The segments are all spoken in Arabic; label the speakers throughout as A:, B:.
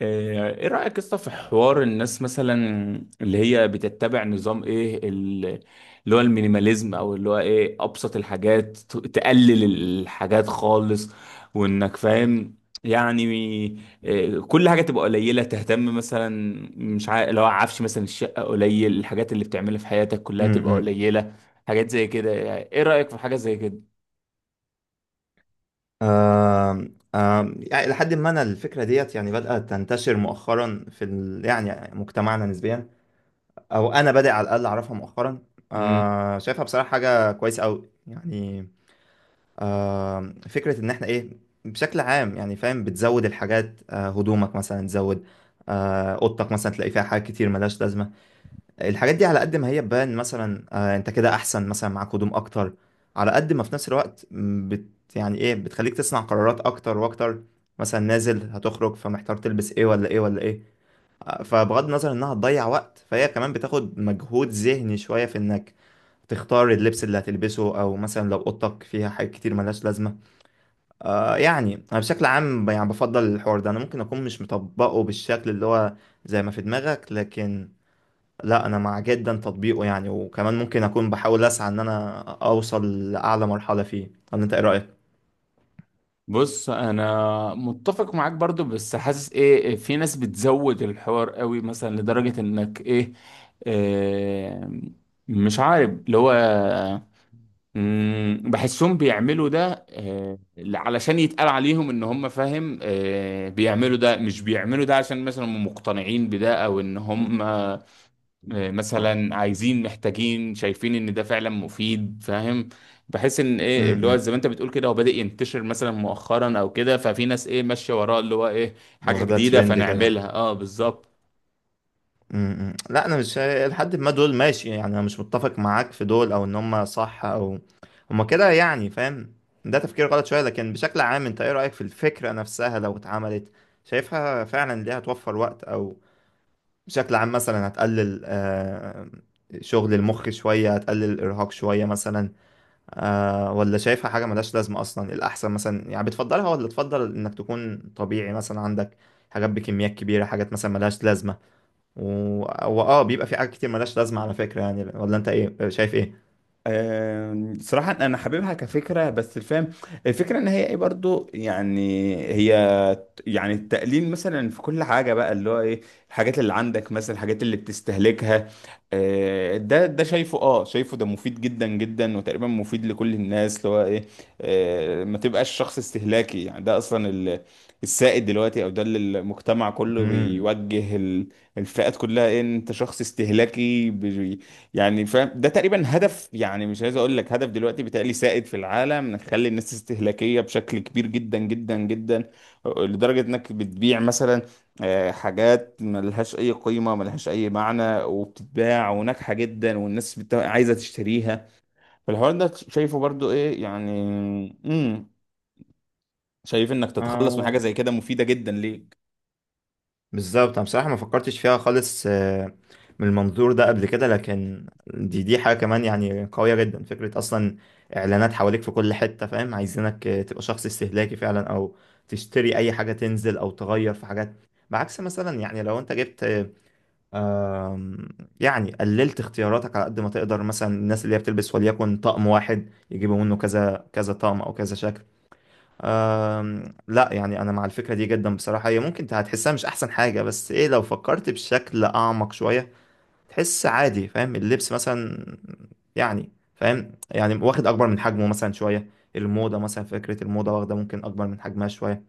A: ايه رأيك يا اسطى في حوار الناس مثلا اللي هي بتتبع نظام ايه اللي هو المينيماليزم او اللي هو ايه ابسط الحاجات تقلل الحاجات خالص، وانك فاهم يعني. كل حاجة تبقى قليلة تهتم مثلا، مش عارف، لو عفش مثلا الشقة قليل، الحاجات اللي بتعملها في حياتك كلها تبقى
B: امم
A: قليلة، حاجات زي كده. يعني ايه رأيك في حاجة زي كده؟
B: آم، آم، يعني لحد ما انا الفكره ديت يعني بدات تنتشر مؤخرا في يعني مجتمعنا نسبيا، او انا بادئ على الاقل اعرفها مؤخرا. شايفها بصراحه حاجه كويسه قوي يعني. فكره ان احنا ايه، بشكل عام يعني فاهم بتزود الحاجات، هدومك مثلا تزود، اوضتك مثلا تلاقي فيها حاجات كتير ملهاش لازمه. الحاجات دي على قد ما هي بان مثلا انت كده احسن مثلا معاك هدوم اكتر، على قد ما في نفس الوقت م، بت يعني ايه بتخليك تصنع قرارات اكتر واكتر. مثلا نازل هتخرج فمحتار تلبس ايه ولا ايه ولا ايه، فبغض النظر انها هتضيع وقت فهي كمان بتاخد مجهود ذهني شوية في انك تختار اللبس اللي هتلبسه، او مثلا لو اوضتك فيها حاجات كتير ملهاش لازمه. يعني انا بشكل عام يعني بفضل الحوار ده، انا ممكن اكون مش مطبقه بالشكل اللي هو زي ما في دماغك، لكن لا انا مع جدا تطبيقه يعني، وكمان ممكن اكون بحاول اسعى ان انا اوصل لاعلى مرحلة فيه. ولا انت ايه رأيك؟
A: بص انا متفق معاك برضو، بس حاسس ايه إيه، في ناس بتزود الحوار قوي مثلا لدرجة انك ايه، إيه، مش عارف اللي هو بحسهم بيعملوا ده علشان يتقال عليهم ان هم فاهم. بيعملوا ده، مش بيعملوا ده عشان مثلا هم مقتنعين بده، او ان هم مثلا عايزين محتاجين شايفين ان ده فعلا مفيد، فاهم؟ بحيث ان ايه اللي هو
B: امم.
A: زي ما انت بتقول كده هو بادئ ينتشر مثلا مؤخرا او كده، ففي ناس ايه ماشيه وراه اللي هو ايه، حاجه
B: واخدها
A: جديده
B: ترند كده.
A: فنعملها. اه بالظبط.
B: إمم. لا انا مش لحد ما دول ماشي، يعني انا مش متفق معاك في دول، او ان هم صح او هم كده يعني فاهم. ده تفكير غلط شوية، لكن بشكل عام انت ايه رأيك في الفكرة نفسها لو اتعملت؟ شايفها فعلا ليها توفر وقت، او بشكل عام مثلا هتقلل شغل المخ شوية، هتقلل الارهاق شوية مثلا، ولا شايفها حاجة ملهاش لازمة أصلا الأحسن؟ مثلا يعني بتفضلها، ولا تفضل إنك تكون طبيعي مثلا عندك حاجات بكميات كبيرة، حاجات مثلا ملهاش لازمة؟ و... وآه بيبقى في حاجات كتير ملهاش لازمة على فكرة يعني. ولا أنت إيه شايف إيه؟
A: صراحة أنا حاببها كفكرة، بس الفهم، الفكرة إن هي إيه برضو، يعني هي يعني التقليل مثلا في كل حاجة بقى اللي هو ايه، الحاجات اللي عندك مثلا، الحاجات اللي بتستهلكها. ده شايفه، اه شايفه ده مفيد جدا جدا، وتقريبا مفيد لكل الناس اللي هو ايه. ما تبقاش شخص استهلاكي، يعني ده اصلا السائد دلوقتي، او ده اللي المجتمع كله
B: مم.
A: بيوجه الفئات كلها ايه، إن انت شخص استهلاكي يعني فاهم؟ ده تقريبا هدف، يعني مش عايز اقول لك هدف دلوقتي، بيتهيألي سائد في العالم، نخلي الناس استهلاكية بشكل كبير جدا جدا جدا، لدرجة انك بتبيع مثلا حاجات ملهاش اي قيمة، ملهاش اي معنى، وبتتباع وناجحة جدا، والناس عايزة تشتريها. فالحوار ده شايفه برضو ايه يعني. امم. شايف انك تتخلص من حاجة زي كده مفيدة جدا ليك.
B: بالظبط. انا بصراحه ما فكرتش فيها خالص من المنظور ده قبل كده، لكن دي حاجه كمان يعني قويه جدا فكره اصلا. اعلانات حواليك في كل حته فاهم عايزينك تبقى شخص استهلاكي فعلا، او تشتري اي حاجه تنزل او تغير في حاجات، بعكس مثلا يعني لو انت جبت آه، آم، يعني قللت اختياراتك على قد ما تقدر. مثلا الناس اللي هي بتلبس وليكن طقم واحد، يجيبوا منه كذا كذا طقم او كذا شكل. لا يعني انا مع الفكره دي جدا بصراحه. هي ممكن هتحسها مش احسن حاجه، بس ايه لو فكرت بشكل اعمق شويه تحس عادي. فاهم اللبس مثلا يعني فاهم يعني واخد اكبر من حجمه مثلا شويه، الموضه مثلا، فكره الموضه واخده ممكن اكبر من حجمها شويه.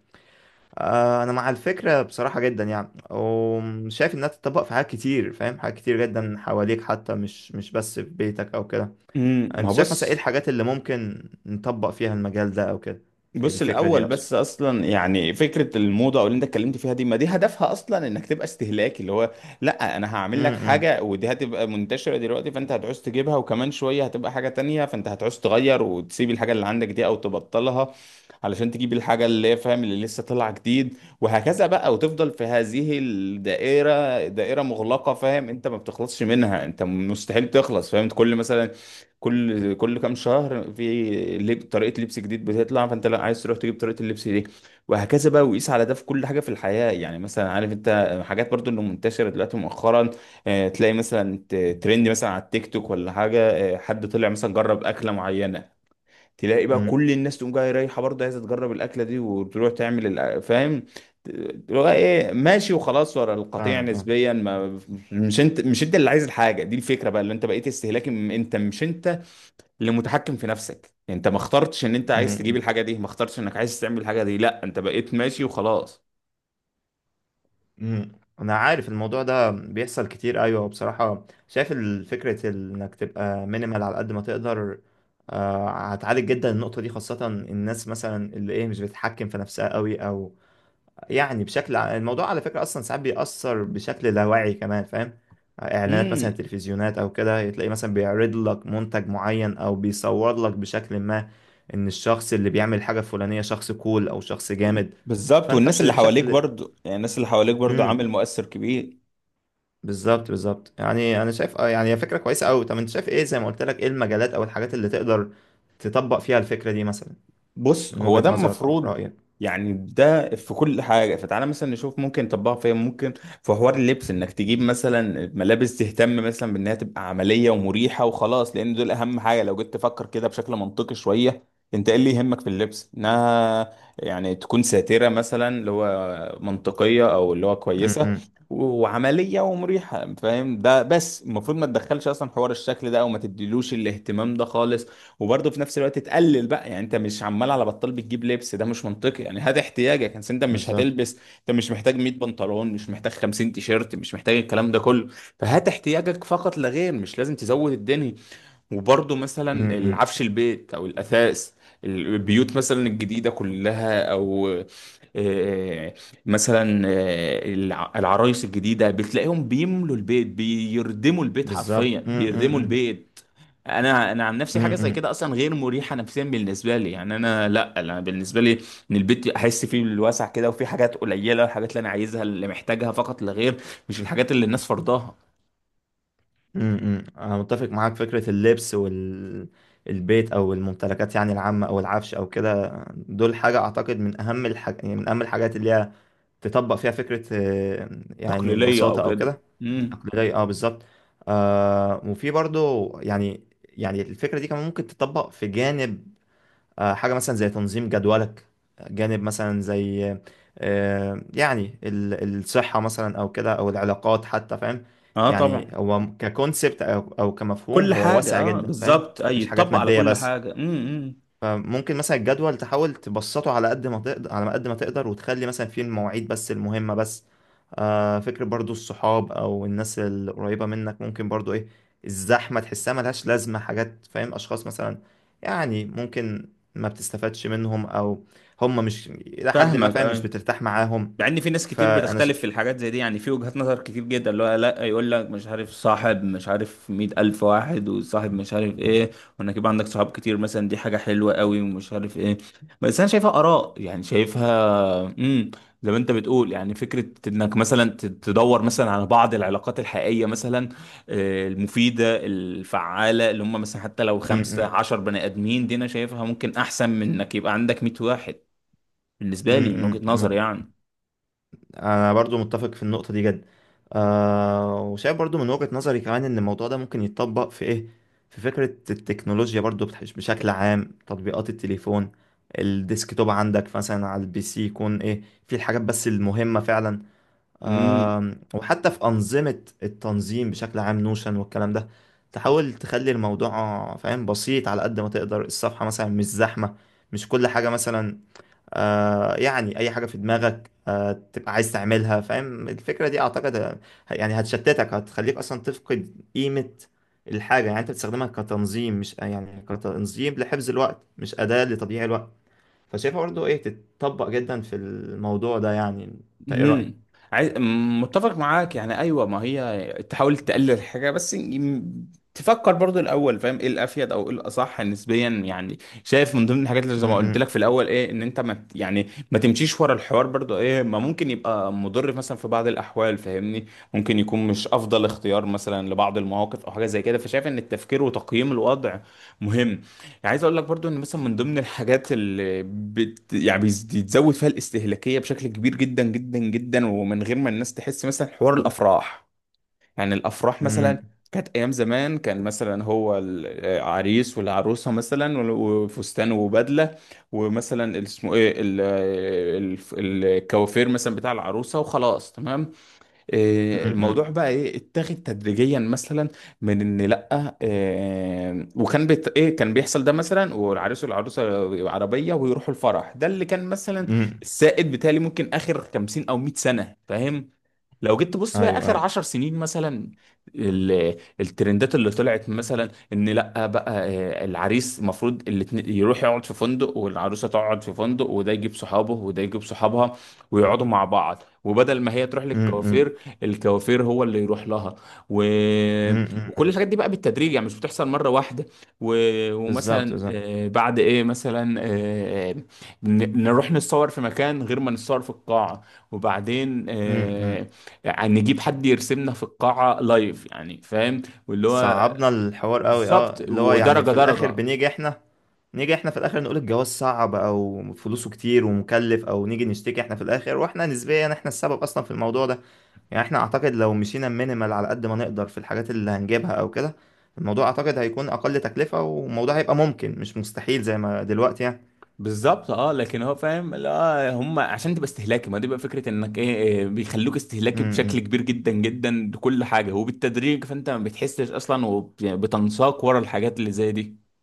B: انا مع الفكره بصراحه جدا يعني، وشايف انها تتطبق في حاجات كتير فاهم، حاجات كتير جدا حواليك، حتى مش بس في بيتك او كده.
A: امم. ما
B: انت
A: هو
B: شايف مثلا ايه
A: بص،
B: الحاجات اللي ممكن نطبق فيها المجال ده او كده؟
A: بص
B: الفكره دي
A: الاول
B: اقصد.
A: بس، اصلا يعني فكره الموضه او اللي انت اتكلمت فيها دي، ما دي هدفها اصلا انك تبقى استهلاكي اللي هو، لا انا هعمل
B: امم.
A: لك
B: امم.
A: حاجه ودي هتبقى منتشره دلوقتي، فانت هتعوز تجيبها، وكمان شويه هتبقى حاجه تانية، فانت هتعوز تغير وتسيب الحاجه اللي عندك دي او تبطلها علشان تجيب الحاجه اللي هي فاهم، اللي لسه طالعه جديد. وهكذا بقى، وتفضل في هذه الدائره، دائره مغلقه فاهم، انت ما بتخلصش منها، انت مستحيل تخلص فاهم. كل مثلا، كل كام شهر في طريقة لبس جديد بتطلع، فانت لا عايز تروح تجيب طريقة اللبس دي، وهكذا بقى. وقيس على ده في كل حاجة في الحياة. يعني مثلا عارف انت حاجات برضو اللي منتشرة دلوقتي مؤخرا، تلاقي مثلا ترند مثلا على التيك توك ولا حاجة، حد طلع مثلا جرب أكلة معينة، تلاقي بقى
B: امم.
A: كل الناس تقوم جاية رايحة برضه عايزة تجرب الأكلة دي، وتروح تعمل فاهم؟ تبقى ايه ماشي وخلاص ورا القطيع
B: فاهمك، اه.
A: نسبيا. ما مش انت اللي عايز الحاجه دي، الفكره بقى اللي انت بقيت استهلاكي، انت مش انت لمتحكم في نفسك، يعني انت ما اخترتش ان انت
B: امم.
A: عايز تجيب
B: امم.
A: الحاجه دي، ما اخترتش انك عايز تعمل الحاجه دي، لا انت بقيت ماشي وخلاص.
B: امم. انا عارف الموضوع ده بيحصل كتير. ايوه، بصراحه شايف الفكره انك تبقى مينيمال على قد ما تقدر، هتعالج جدا النقطه دي، خاصه الناس مثلا اللي ايه مش بتتحكم في نفسها قوي. او يعني الموضوع على فكرة أصلا ساعات بيأثر بشكل لا واعي كمان فاهم. إعلانات مثلا،
A: امم.
B: تلفزيونات أو كده، تلاقي مثلا بيعرض لك منتج معين، أو بيصور لك بشكل ما إن الشخص اللي بيعمل حاجة فلانية شخص كول أو شخص جامد.
A: بالظبط،
B: فأنت
A: والناس اللي حواليك
B: بشكل.
A: برضو يعني، الناس اللي حواليك برضو عامل
B: امم.
A: مؤثر كبير.
B: بالظبط، بالظبط. يعني أنا شايف يعني هي فكرة كويسة أوي. طب أنت شايف إيه زي ما قلت لك؟ إيه المجالات أو الحاجات اللي تقدر تطبق فيها الفكرة دي مثلا
A: بص
B: من
A: هو ده
B: وجهة نظرك أو
A: المفروض
B: رأيك؟
A: يعني، ده في كل حاجة، فتعالى مثلا نشوف ممكن نطبقها فين. ممكن في حوار اللبس انك تجيب مثلا ملابس تهتم مثلا بانها تبقى عملية ومريحة وخلاص، لان دول اهم حاجة. لو جيت تفكر كده بشكل منطقي شوية، انت ايه اللي يهمك في اللبس؟ انها يعني تكون ساترة مثلا، اللي هو منطقية، او اللي هو كويسة
B: امم.
A: وعملية ومريحة، فاهم؟ ده بس المفروض، ما تدخلش اصلا حوار الشكل ده او ما تديلوش الاهتمام ده خالص، وبرضه في نفس الوقت تقلل بقى. يعني انت مش عمال على بطال بتجيب لبس، ده مش منطقي. يعني هات احتياجك، يعني انت مش
B: بالظبط.
A: هتلبس، انت مش محتاج 100 بنطلون، مش محتاج 50 تيشيرت، مش محتاج الكلام ده كله، فهات احتياجك فقط لا غير، مش لازم تزود الدنيا. وبرضه مثلا
B: امم.
A: العفش، البيت او الاثاث، البيوت مثلا الجديده كلها، او آه، مثلا العرايس الجديده بتلاقيهم بيملوا البيت، بيردموا البيت
B: بالظبط.
A: حرفيا
B: امم. إمم.
A: بيردموا
B: إمم.
A: البيت. انا عن نفسي
B: إمم.
A: حاجه زي
B: إمم.
A: كده اصلا غير مريحه نفسيا بالنسبه لي، يعني انا، لا انا بالنسبه لي ان البيت احس فيه بالوسع كده، وفي حاجات قليله، الحاجات اللي انا عايزها، اللي محتاجها فقط لا غير، مش الحاجات اللي الناس فرضاها
B: انا متفق معاك. فكرة اللبس والبيت او الممتلكات يعني العامة، او العفش او كده، دول حاجة اعتقد من اهم يعني من اهم الحاجات اللي هي تطبق فيها فكرة يعني
A: تقليديه او
B: البساطة او
A: كده.
B: كده.
A: امم.
B: اقليدية، اه، بالظبط. وفي برضو يعني الفكرة دي كمان ممكن تطبق في جانب، حاجة مثلا زي تنظيم جدولك، جانب مثلا زي يعني الصحة مثلا أو كده، أو العلاقات حتى فاهم.
A: اه
B: يعني
A: طبعا.
B: هو ككونسبت أو كمفهوم
A: كل
B: هو
A: حاجة،
B: واسع
A: اه
B: جدا فاهم،
A: بالظبط، اي
B: مش حاجات
A: يتطبق على
B: مادية
A: كل
B: بس.
A: حاجة. امم، إمم.
B: فممكن مثلا الجدول تحاول تبسطه على ما قد ما تقدر، وتخلي مثلا فيه المواعيد بس المهمة بس. فكرة برضو الصحاب او الناس القريبة منك، ممكن برضو ايه الزحمة تحسها ملهاش لازمة، حاجات فاهم، اشخاص مثلا يعني ممكن ما بتستفادش منهم، او هم مش الى حد ما
A: فاهمك،
B: فاهم مش
A: اي.
B: بترتاح معاهم.
A: مع ان في ناس كتير
B: فانا
A: بتختلف في الحاجات زي دي، يعني في وجهات نظر كتير جدا اللي هو لا، يقول لك مش عارف صاحب، مش عارف مية ألف واحد، وصاحب مش عارف ايه، وانك يبقى عندك صحاب كتير مثلا دي حاجة حلوة قوي، ومش عارف ايه. بس انا شايفها آراء يعني، شايفها، امم، زي ما انت بتقول يعني. فكرة انك مثلا تدور مثلا على بعض العلاقات الحقيقية مثلا، المفيدة الفعالة، اللي هم مثلا حتى لو
B: م
A: خمسة
B: -م.
A: عشر بني آدمين، دي انا شايفها ممكن احسن من انك يبقى عندك 100 واحد،
B: م
A: بالنسبة لي من وجهة
B: -م.
A: نظري يعني.
B: انا برضو متفق في النقطه دي جدا. وشايف برضو من وجهه نظري كمان ان الموضوع ده ممكن يتطبق في ايه، في فكره التكنولوجيا برضو بشكل عام تطبيقات التليفون، الديسكتوب عندك مثلا على الPC يكون ايه في الحاجات بس المهمه فعلا.
A: امم.
B: وحتى في انظمه التنظيم بشكل عام، نوشن والكلام ده، تحاول تخلي الموضوع فاهم بسيط على قد ما تقدر. الصفحه مثلا مش زحمه، مش كل حاجه مثلا يعني اي حاجه في دماغك تبقى عايز تعملها فاهم. الفكره دي اعتقد يعني هتشتتك، هتخليك اصلا تفقد قيمه الحاجه. يعني انت بتستخدمها كتنظيم، مش يعني كتنظيم لحفظ الوقت مش اداه لتضييع الوقت. فشايفها برضه ايه تتطبق جدا في الموضوع ده يعني. انت ايه رايك؟
A: امم. عايز، متفق معاك يعني. ايوه، ما هي تحاول تقلل الحاجه، بس تفكر برضو الاول فاهم، ايه الافيد، او ايه الاصح نسبيا يعني. شايف من ضمن الحاجات اللي زي
B: م-.
A: ما قلت لك في
B: م-.
A: الاول ايه، ان انت ما يعني ما تمشيش ورا الحوار برضو ايه، ما ممكن يبقى مضر مثلا في بعض الاحوال، فاهمني؟ ممكن يكون مش افضل اختيار مثلا لبعض المواقف او حاجه زي كده. فشايف ان التفكير وتقييم الوضع مهم. يعني عايز اقول لك برضو ان مثلا من ضمن الحاجات اللي يعني بيتزود فيها الاستهلاكيه بشكل كبير جدا جدا جدا، ومن غير ما الناس تحس، مثلا حوار الافراح. يعني الافراح مثلا،
B: م-.
A: كانت ايام زمان كان مثلا هو العريس والعروسه مثلا، وفستان وبدله، ومثلا اسمه ايه الكوافير مثلا بتاع العروسه، وخلاص تمام.
B: م-.
A: الموضوع
B: م-.
A: بقى ايه، اتاخد تدريجيا مثلا، من ان لا وكان بيت ايه، كان بيحصل ده مثلا، والعريس والعروسه عربيه ويروحوا الفرح، ده اللي كان مثلا
B: م-.
A: السائد بتاعي ممكن اخر 50 او 100 سنه فاهم. لو جيت تبص بقى
B: ايوه،
A: اخر
B: ايوه.
A: 10 سنين مثلا، الترندات اللي طلعت مثلا ان لا بقى، العريس المفروض يروح يقعد في فندق، والعروسه تقعد في فندق، وده يجيب صحابه وده يجيب صحابها، ويقعدوا مع بعض، وبدل ما هي تروح
B: م-. م-.
A: للكوافير، الكوافير هو اللي يروح لها، و...
B: م-. م-.
A: وكل
B: م.
A: الحاجات دي بقى بالتدريج، يعني مش بتحصل مره واحده، و...
B: بالظبط،
A: ومثلا
B: بالظبط.
A: بعد ايه مثلا نروح نتصور في مكان غير ما نتصور في القاعه، وبعدين
B: م-. م.
A: يعني نجيب حد يرسمنا في القاعة لايف يعني فاهم، واللي هو،
B: صعبنا الحوار قوي. اه،
A: بالظبط،
B: اللي هو يعني
A: ودرجة
B: في الاخر
A: درجة
B: بنيجي احنا، نيجي احنا في الاخر، نقول الجواز صعب او فلوسه كتير ومكلف، او نيجي نشتكي احنا في الاخر واحنا نسبيا احنا السبب اصلا في الموضوع ده. يعني احنا اعتقد لو مشينا مينيمال على قد ما نقدر في الحاجات اللي هنجيبها او كده، الموضوع اعتقد هيكون اقل تكلفة، والموضوع هيبقى ممكن مش مستحيل زي ما دلوقتي يعني.
A: بالظبط اه. لكن هو فاهم لا، هم عشان تبقى استهلاكي، ما دي بقى فكرة انك ايه، إيه، بيخلوك
B: م-.
A: استهلاكي بشكل
B: م.
A: كبير جدا جدا بكل حاجة وبالتدريج، فانت ما بتحسش اصلا، وبتنساق ورا الحاجات اللي زي دي.